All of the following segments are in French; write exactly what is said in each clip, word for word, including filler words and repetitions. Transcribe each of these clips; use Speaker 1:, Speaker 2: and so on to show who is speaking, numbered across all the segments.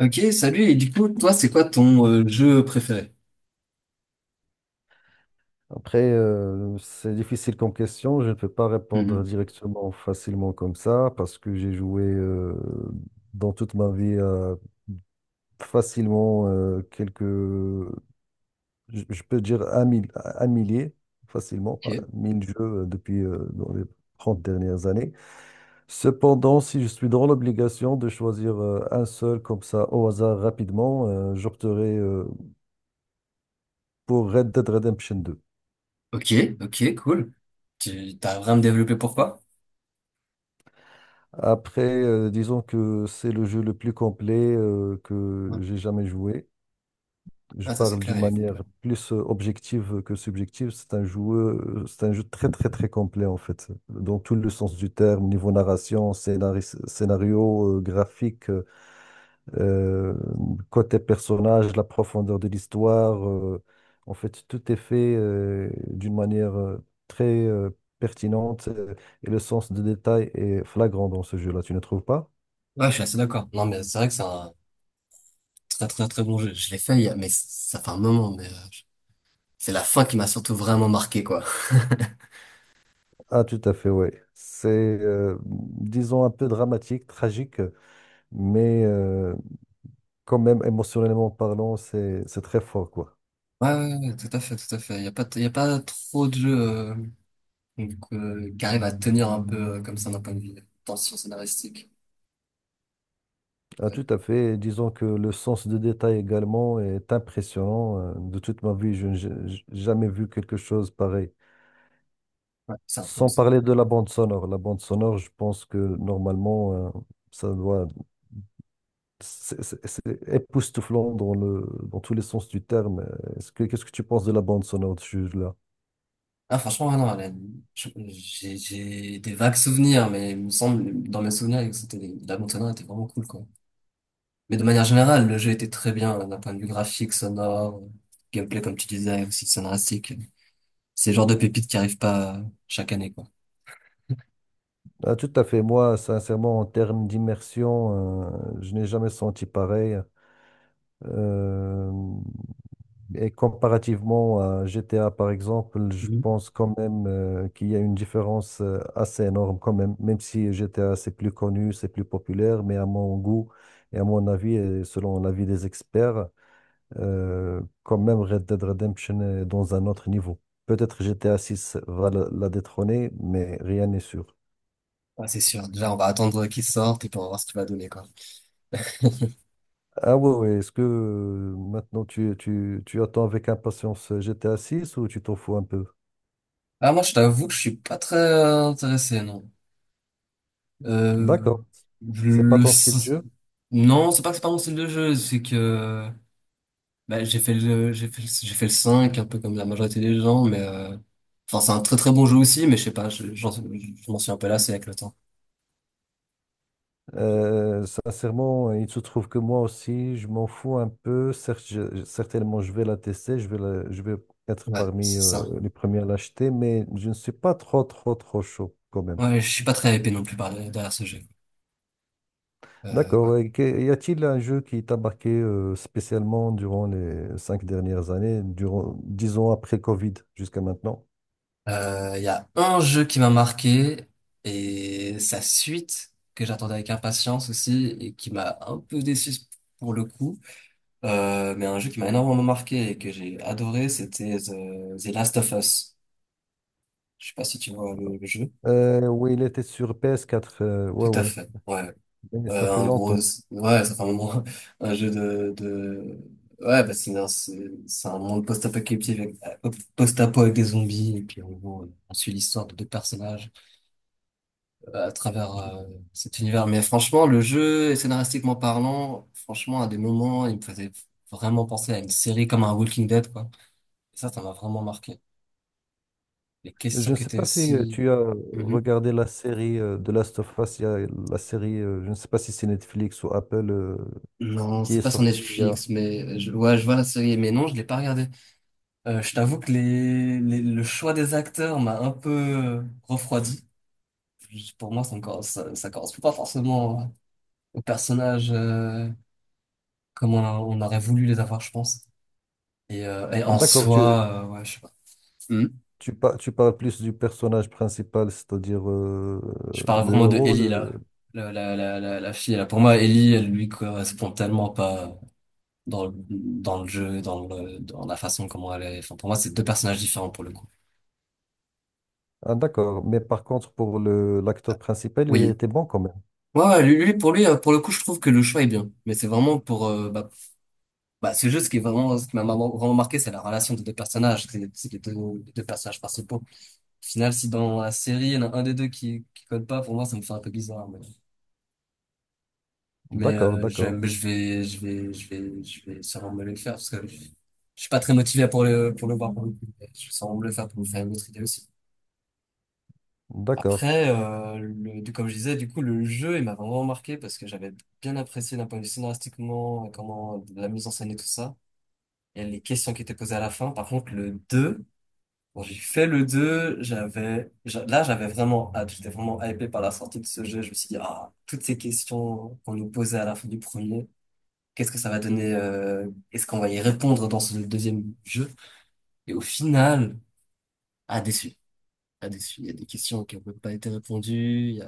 Speaker 1: Ok, salut. Et du coup, toi, c'est quoi ton euh, jeu préféré?
Speaker 2: Après, euh, c'est difficile comme question. Je ne peux pas répondre
Speaker 1: Mhm.
Speaker 2: directement, facilement comme ça, parce que j'ai joué euh, dans toute ma vie euh, facilement euh, quelques, je je peux dire un, mil- un millier, facilement,
Speaker 1: Ok,
Speaker 2: euh, mille jeux euh, depuis euh, dans les trente dernières années. Cependant, si je suis dans l'obligation de choisir euh, un seul comme ça au hasard rapidement, euh, j'opterai euh, pour Red Dead Redemption deux.
Speaker 1: ok, ok, cool. Tu t'as vraiment développé pourquoi?
Speaker 2: Après, euh, disons que c'est le jeu le plus complet euh, que
Speaker 1: Ouais.
Speaker 2: j'ai jamais joué. Je
Speaker 1: Ah, ça c'est
Speaker 2: parle
Speaker 1: clair,
Speaker 2: d'une
Speaker 1: il est complet.
Speaker 2: manière plus euh, objective que subjective. C'est un jeu, euh, c'est un jeu très très très complet en fait, dans tout le sens du terme, niveau narration, scénaris- scénario, euh, graphique, euh, côté personnage, la profondeur de l'histoire. Euh, en fait, tout est fait euh, d'une manière euh, très euh, pertinente euh, et le sens de détail est flagrant dans ce jeu-là. Tu ne trouves pas?
Speaker 1: Ouais, je suis assez d'accord. Non, mais c'est vrai que c'est un très très très bon jeu. Je l'ai fait, il y a- mais ça fait un moment. Mais euh, je- c'est la fin qui m'a surtout vraiment marqué, quoi.
Speaker 2: Ah, tout à fait, oui. C'est, euh, disons, un peu dramatique, tragique, mais euh, quand même, émotionnellement parlant, c'est, c'est très fort, quoi.
Speaker 1: Ouais, ouais, ouais, tout à fait, tout à fait. Il y a pas, t- il y a pas trop de jeux euh, donc, euh, qui arrivent à tenir un peu euh, comme ça d'un point de vue tension scénaristique.
Speaker 2: Ah, tout à fait. Et disons que le sens de détail également est impressionnant. Euh, De toute ma vie, je n'ai j- j- jamais vu quelque chose pareil.
Speaker 1: Ouais, c'est un truc.
Speaker 2: Sans parler de la bande sonore. La bande sonore, je pense que normalement, euh, ça doit... C'est c'est- c'est époustouflant dans le, dans tous les sens du terme. Est-ce que, qu'est-ce que tu penses de la bande sonore, là?
Speaker 1: Ah, franchement, ah non, elle a- je- j'ai j'ai des vagues souvenirs, mais il me semble, dans mes souvenirs, que c'était, des- la Montana était vraiment cool, quoi. Mais de manière générale, le jeu était très bien, d'un point de vue graphique, sonore, gameplay, comme tu disais, aussi scénaristique. C'est le genre de pépite qui arrive pas chaque année, quoi.
Speaker 2: Ah, tout à fait. Moi, sincèrement, en termes d'immersion, euh, je n'ai jamais senti pareil. Euh, et comparativement à G T A, par exemple, je
Speaker 1: Mhm.
Speaker 2: pense quand même euh, qu'il y a une différence euh, assez énorme quand même. Même si G T A, c'est plus connu, c'est plus populaire, mais à mon goût et à mon avis, et selon l'avis des experts, euh, quand même Red Dead Redemption est dans un autre niveau. Peut-être G T A six va la la détrôner, mais rien n'est sûr.
Speaker 1: Ah, c'est sûr. Déjà, on va attendre qu'il sorte et puis on va voir ce qu'il va donner, quoi.
Speaker 2: Ah ouais, ouais. Est-ce que euh, maintenant tu, tu, tu attends avec impatience G T A six ou tu t'en fous un peu?
Speaker 1: Ah, moi, je t'avoue que je suis pas très euh, intéressé, non. Euh,
Speaker 2: D'accord. C'est pas
Speaker 1: le,
Speaker 2: ton style de jeu.
Speaker 1: Non, c'est pas que c'est pas mon style de jeu, c'est que bah, j'ai fait le j'ai fait le, j'ai fait le cinq un peu comme la majorité des gens mais euh, enfin c'est un très très bon jeu aussi mais je sais pas, je, j'en- je m'en suis un peu lassé avec le temps.
Speaker 2: Euh, sincèrement, il se trouve que moi aussi, je m'en fous un peu. Certes, je- certainement, je vais la tester, je vais la- je vais être
Speaker 1: Ouais,
Speaker 2: parmi
Speaker 1: c'est
Speaker 2: euh,
Speaker 1: ça.
Speaker 2: les premiers à l'acheter, mais je ne suis pas trop, trop, trop chaud quand même.
Speaker 1: Ouais, je suis pas très hypé non plus par derrière ce jeu. Euh, ouais.
Speaker 2: D'accord. Et que- Y a-t-il un jeu qui t'a marqué euh, spécialement durant les cinq dernières années, durant, disons après le Covid jusqu'à maintenant?
Speaker 1: Euh, il y a un jeu qui m'a marqué et sa suite que j'attendais avec impatience aussi et qui m'a un peu déçu pour le coup. Euh, mais un jeu qui m'a énormément marqué et que j'ai adoré, c'était The, The Last of Us. Je sais pas si tu vois le, le jeu.
Speaker 2: Euh, oui, il était sur ps quatre. Euh, ouais,
Speaker 1: Tout à
Speaker 2: ouais.
Speaker 1: fait. Ouais.
Speaker 2: Mais ça
Speaker 1: Euh,
Speaker 2: fait
Speaker 1: un gros.
Speaker 2: longtemps.
Speaker 1: Ouais, ça fait un moment. Un jeu de, de... Ouais, bah c'est un, c'est c'est un monde post-apocalyptique avec, post-apo avec des zombies. Et puis en gros, euh, on suit l'histoire de deux personnages euh, à travers
Speaker 2: Je
Speaker 1: euh, cet univers. Mais franchement, le jeu, scénaristiquement parlant, franchement, à des moments, il me faisait vraiment penser à une série comme un Walking Dead, quoi. Et ça, ça m'a vraiment marqué. Les questions
Speaker 2: je ne
Speaker 1: qui
Speaker 2: sais
Speaker 1: étaient
Speaker 2: pas si euh,
Speaker 1: aussi...
Speaker 2: tu as regardé la série euh, de Last of Us. Il y a la série, euh, je ne sais pas si c'est Netflix ou Apple euh,
Speaker 1: Non,
Speaker 2: qui est
Speaker 1: c'est pas sur
Speaker 2: sortie. il y a-
Speaker 1: Netflix, mais je, ouais, je vois la série, mais non, je l'ai pas regardée. Euh, je t'avoue que les, les- le choix des acteurs m'a un peu euh, refroidi. Juste pour moi, ça ne correspond ça, ça correspond pas forcément aux personnages euh, comme on, on aurait voulu les avoir, je pense. Et, euh, et
Speaker 2: Ah,
Speaker 1: en
Speaker 2: d'accord, tu,
Speaker 1: soi, euh, ouais, je sais pas. Hmm.
Speaker 2: tu, par- tu parles plus du personnage principal, c'est-à-dire euh,
Speaker 1: Je parle
Speaker 2: le
Speaker 1: vraiment de
Speaker 2: héros.
Speaker 1: Ellie
Speaker 2: Le...
Speaker 1: là, la, la, la, la, la fille là. Pour moi, Ellie, elle lui correspond tellement pas dans le, dans le jeu, dans le, dans la façon comment elle est. Enfin, pour moi, c'est deux personnages différents pour le coup.
Speaker 2: Ah, d'accord. Mais par contre, pour le, l'acteur principal, il
Speaker 1: Oui,
Speaker 2: était bon quand même.
Speaker 1: ouais, ouais, lui, lui, pour lui, euh, pour le coup, je trouve que le choix est bien. Mais c'est vraiment pour, euh, bah, bah, c'est juste ce qui est vraiment, ce qui m'a vraiment vraiment marqué, c'est la relation des deux personnages, c'est c'est les deux, les deux personnages principaux. Au final, si dans la série, il y en a un des deux qui, qui code pas, pour moi, ça me fait un peu bizarre. Mais, mais,
Speaker 2: D'accord,
Speaker 1: euh, je,
Speaker 2: d'accord,
Speaker 1: mais je vais, je vais, je vais, je vais sûrement me le faire parce que je suis pas très motivé pour le, pour le voir pour le coup. Mais je vais sûrement me le faire pour me faire une autre idée aussi.
Speaker 2: d'accord.
Speaker 1: Après, euh, le, du- comme je disais, du coup, le jeu, il m'a vraiment marqué parce que j'avais bien apprécié d'un point de vue scénaristiquement, comment la mise en scène et tout ça, et les questions qui étaient posées à la fin. Par contre, le deux quand j'ai fait le deux j'avais, j'a- là, j'avais vraiment hâte, j'étais vraiment hypé par la sortie de ce jeu. Je me suis dit, ah, toutes ces questions qu'on nous posait à la fin du premier, qu'est-ce que ça va donner, euh, est-ce qu'on va y répondre dans ce deuxième jeu? Et au final, ah, déçu. Ah, déçu. Il y a des questions qui n'ont même pas été répondues.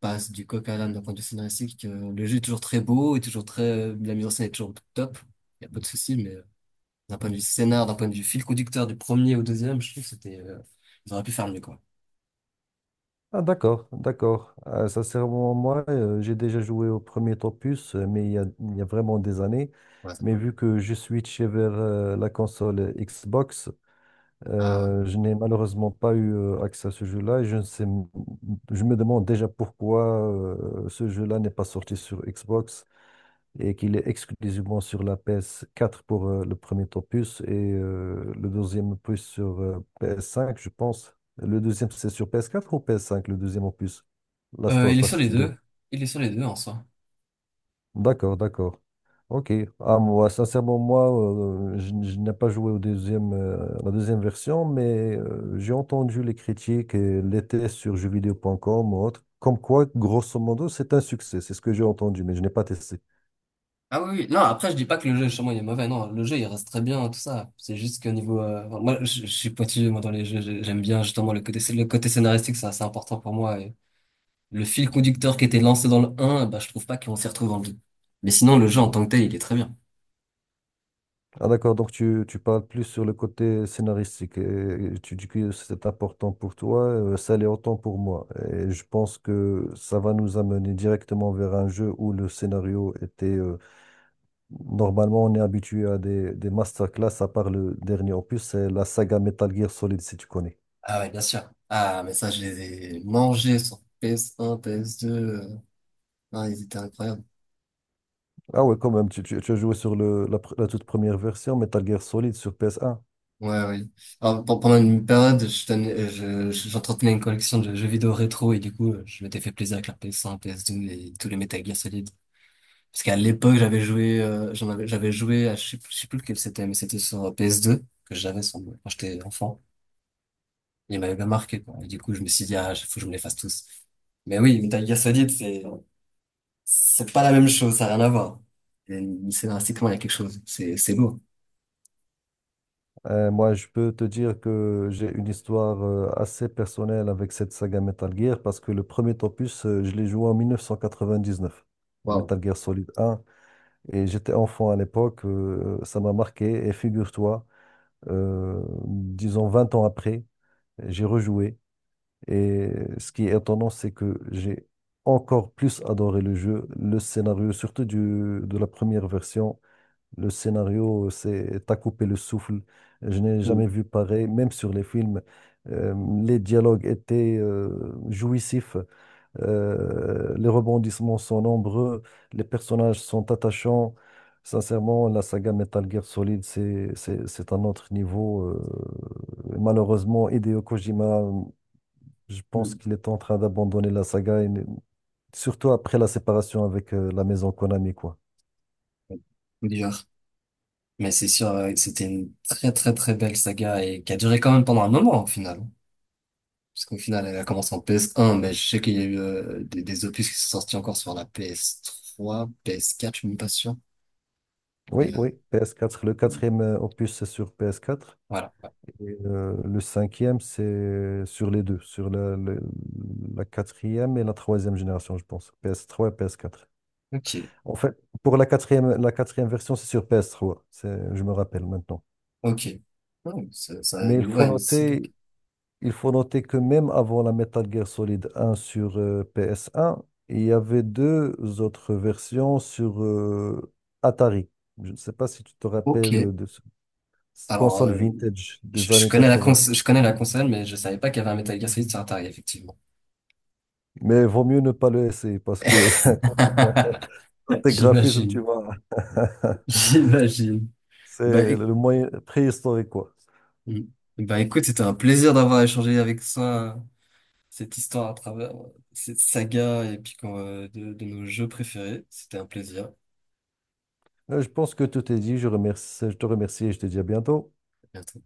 Speaker 1: Passe du coq à l'âne d'un point de vue scénaristique. Euh, le jeu est toujours très beau est toujours très, euh, la mise en scène est toujours top. Il n'y a pas de souci, mais euh, d'un point de vue scénar, d'un point de vue fil conducteur du premier au deuxième, je trouve que c'était, euh, ils auraient pu faire mieux, quoi.
Speaker 2: Ah, d'accord, d'accord. Euh, sincèrement, moi, euh, j'ai déjà joué au premier Topus, euh, mais il y a, il y a vraiment des années.
Speaker 1: Voilà, ça fait
Speaker 2: Mais
Speaker 1: un
Speaker 2: vu
Speaker 1: moment.
Speaker 2: que je suis switché vers euh, la console Xbox,
Speaker 1: Ah
Speaker 2: euh, je n'ai malheureusement pas eu euh, accès à ce jeu-là. Et je ne sais, m- je me demande déjà pourquoi euh, ce jeu-là n'est pas sorti sur Xbox et qu'il est exclusivement sur la P S quatre pour euh, le premier opus et euh, le deuxième opus sur euh, P S cinq, je pense. Le deuxième, c'est sur P S quatre ou P S cinq, le deuxième opus?
Speaker 1: ouais.
Speaker 2: Last
Speaker 1: Euh, il
Speaker 2: of
Speaker 1: est sur les
Speaker 2: Us deux.
Speaker 1: deux. Il est sur les deux en soi.
Speaker 2: D'accord, d'accord. Ok. Ah, moi, sincèrement, moi, euh, je, je n'ai pas joué au deuxième, euh, la deuxième version, mais euh, j'ai entendu les critiques et les tests sur jeuxvideo point com ou autre, comme quoi, grosso modo, c'est un succès. C'est ce que j'ai entendu, mais je n'ai pas testé.
Speaker 1: Ah oui, oui. Non, après, je dis pas que le jeu, chez moi, il est mauvais. Non, le jeu, il reste très bien, tout ça. C'est juste qu'au niveau, euh, enfin, moi, je, je suis pointilleux, moi, dans les jeux. J'ai- J'aime bien, justement, le côté, le côté scénaristique, c'est assez important pour moi. Et le fil conducteur qui était lancé dans le un, bah, je trouve pas qu'on s'y retrouve dans le deux. Mais sinon, le jeu en tant que tel, il est très bien.
Speaker 2: Ah, d'accord, donc tu, tu parles plus sur le côté scénaristique et tu dis que c'est important pour toi, euh, ça l'est autant pour moi. Et je pense que ça va nous amener directement vers un jeu où le scénario était... euh, normalement, on est habitué à des, des masterclass, à part le dernier opus, c'est la saga Metal Gear Solid, si tu connais.
Speaker 1: Ah ouais, bien sûr. Ah, mais ça, je les ai mangés sur P S un, P S deux. euh, Ah, ils étaient incroyables.
Speaker 2: Ah ouais, quand même, tu, tu, tu as joué sur le, la, pr- la toute première version, Metal Gear Solid sur P S un.
Speaker 1: Ouais, ouais. Alors, pe- pendant une période, je tenais- euh, je- je- j'entretenais une collection de jeux vidéo rétro et du coup, euh, je m'étais fait plaisir avec la P S un, P S deux et tous les Metal Gear Solid. Parce qu'à l'époque, j'avais joué, euh, j'en avais, j'avais joué à, je sais, plus- je sais plus lequel c'était, mais c'était sur P S deux que j'avais sans- quand j'étais enfant. Il m'avait bien marqué, quoi. Et du coup, je me suis dit, ah, faut que je me les fasse tous. Mais oui, Metal Gear Solid, c'est, c'est pas la même chose, ça n'a rien à voir. Et scénaristiquement, il y a quelque chose. C'est, c'est beau.
Speaker 2: Euh, moi, je peux te dire que j'ai une histoire euh, assez personnelle avec cette saga Metal Gear parce que le premier opus, euh, je l'ai joué en mille neuf cent quatre-vingt-dix-neuf, le
Speaker 1: Waouh.
Speaker 2: Metal Gear Solid un, et j'étais enfant à l'époque, euh, ça m'a marqué. Et figure-toi, euh, disons vingt ans après, j'ai rejoué. Et ce qui est étonnant, c'est que j'ai encore plus adoré le jeu, le scénario, surtout du, de la première version. Le scénario, c'est t'as coupé le souffle. Je n'ai
Speaker 1: Oui.
Speaker 2: jamais vu pareil, même sur les films. Euh, les dialogues étaient euh, jouissifs. Euh, les rebondissements sont nombreux. Les personnages sont attachants. Sincèrement, la saga Metal Gear Solid, c'est c'est c'est un autre niveau. euh. Malheureusement, Hideo Kojima, je pense
Speaker 1: Oui.
Speaker 2: qu'il est en train d'abandonner la saga, et- surtout après la séparation avec euh, la maison Konami, quoi.
Speaker 1: Coup dur. Mais c'est sûr, euh, que c'était une très, très, très belle saga et qui a duré quand même pendant un moment, au final. Parce qu'au final, elle a commencé en P S un, mais je sais qu'il y a eu euh, des, des opus qui sont sortis encore sur la P S trois, P S quatre, je suis même pas sûr.
Speaker 2: Oui,
Speaker 1: Mais euh,
Speaker 2: oui, ps quatre. Le quatrième euh, opus, c'est sur ps quatre.
Speaker 1: voilà. Ouais.
Speaker 2: Et euh, le cinquième, c'est sur les deux, sur la, le- la quatrième et la troisième génération, je pense. Ps trois, et ps quatre.
Speaker 1: Ok,
Speaker 2: En fait, pour la quatrième, la quatrième version, c'est sur ps trois. C'est, je me rappelle maintenant.
Speaker 1: ok. Oh, ça, ça a
Speaker 2: Mais il
Speaker 1: une-
Speaker 2: faut
Speaker 1: ouais, une saga.
Speaker 2: noter, il faut noter que même avant la Metal Gear Solid un sur euh, ps un, il y avait deux autres versions sur euh, Atari. Je ne sais pas si tu te
Speaker 1: Ok.
Speaker 2: rappelles de ce
Speaker 1: Alors,
Speaker 2: console
Speaker 1: euh,
Speaker 2: vintage
Speaker 1: je,
Speaker 2: des
Speaker 1: je
Speaker 2: années
Speaker 1: connais la cons
Speaker 2: quatre-vingts.
Speaker 1: je connais la console, mais je savais pas qu'il y avait un Metal Gear Solid sur Atari, effectivement.
Speaker 2: Mais vaut mieux ne pas le essayer parce que tes graphisme, tu
Speaker 1: J'imagine.
Speaker 2: vois,
Speaker 1: J'imagine. Bah,
Speaker 2: c'est
Speaker 1: éc-
Speaker 2: le moyen préhistorique, quoi.
Speaker 1: bah écoute, c'était un plaisir d'avoir échangé avec toi. Cette histoire à travers euh, cette saga et puis quand, euh, de, de nos jeux préférés. C'était un plaisir. À
Speaker 2: Euh, Je pense que tout est dit. Je remercie, je te remercie et je te dis à bientôt.
Speaker 1: bientôt.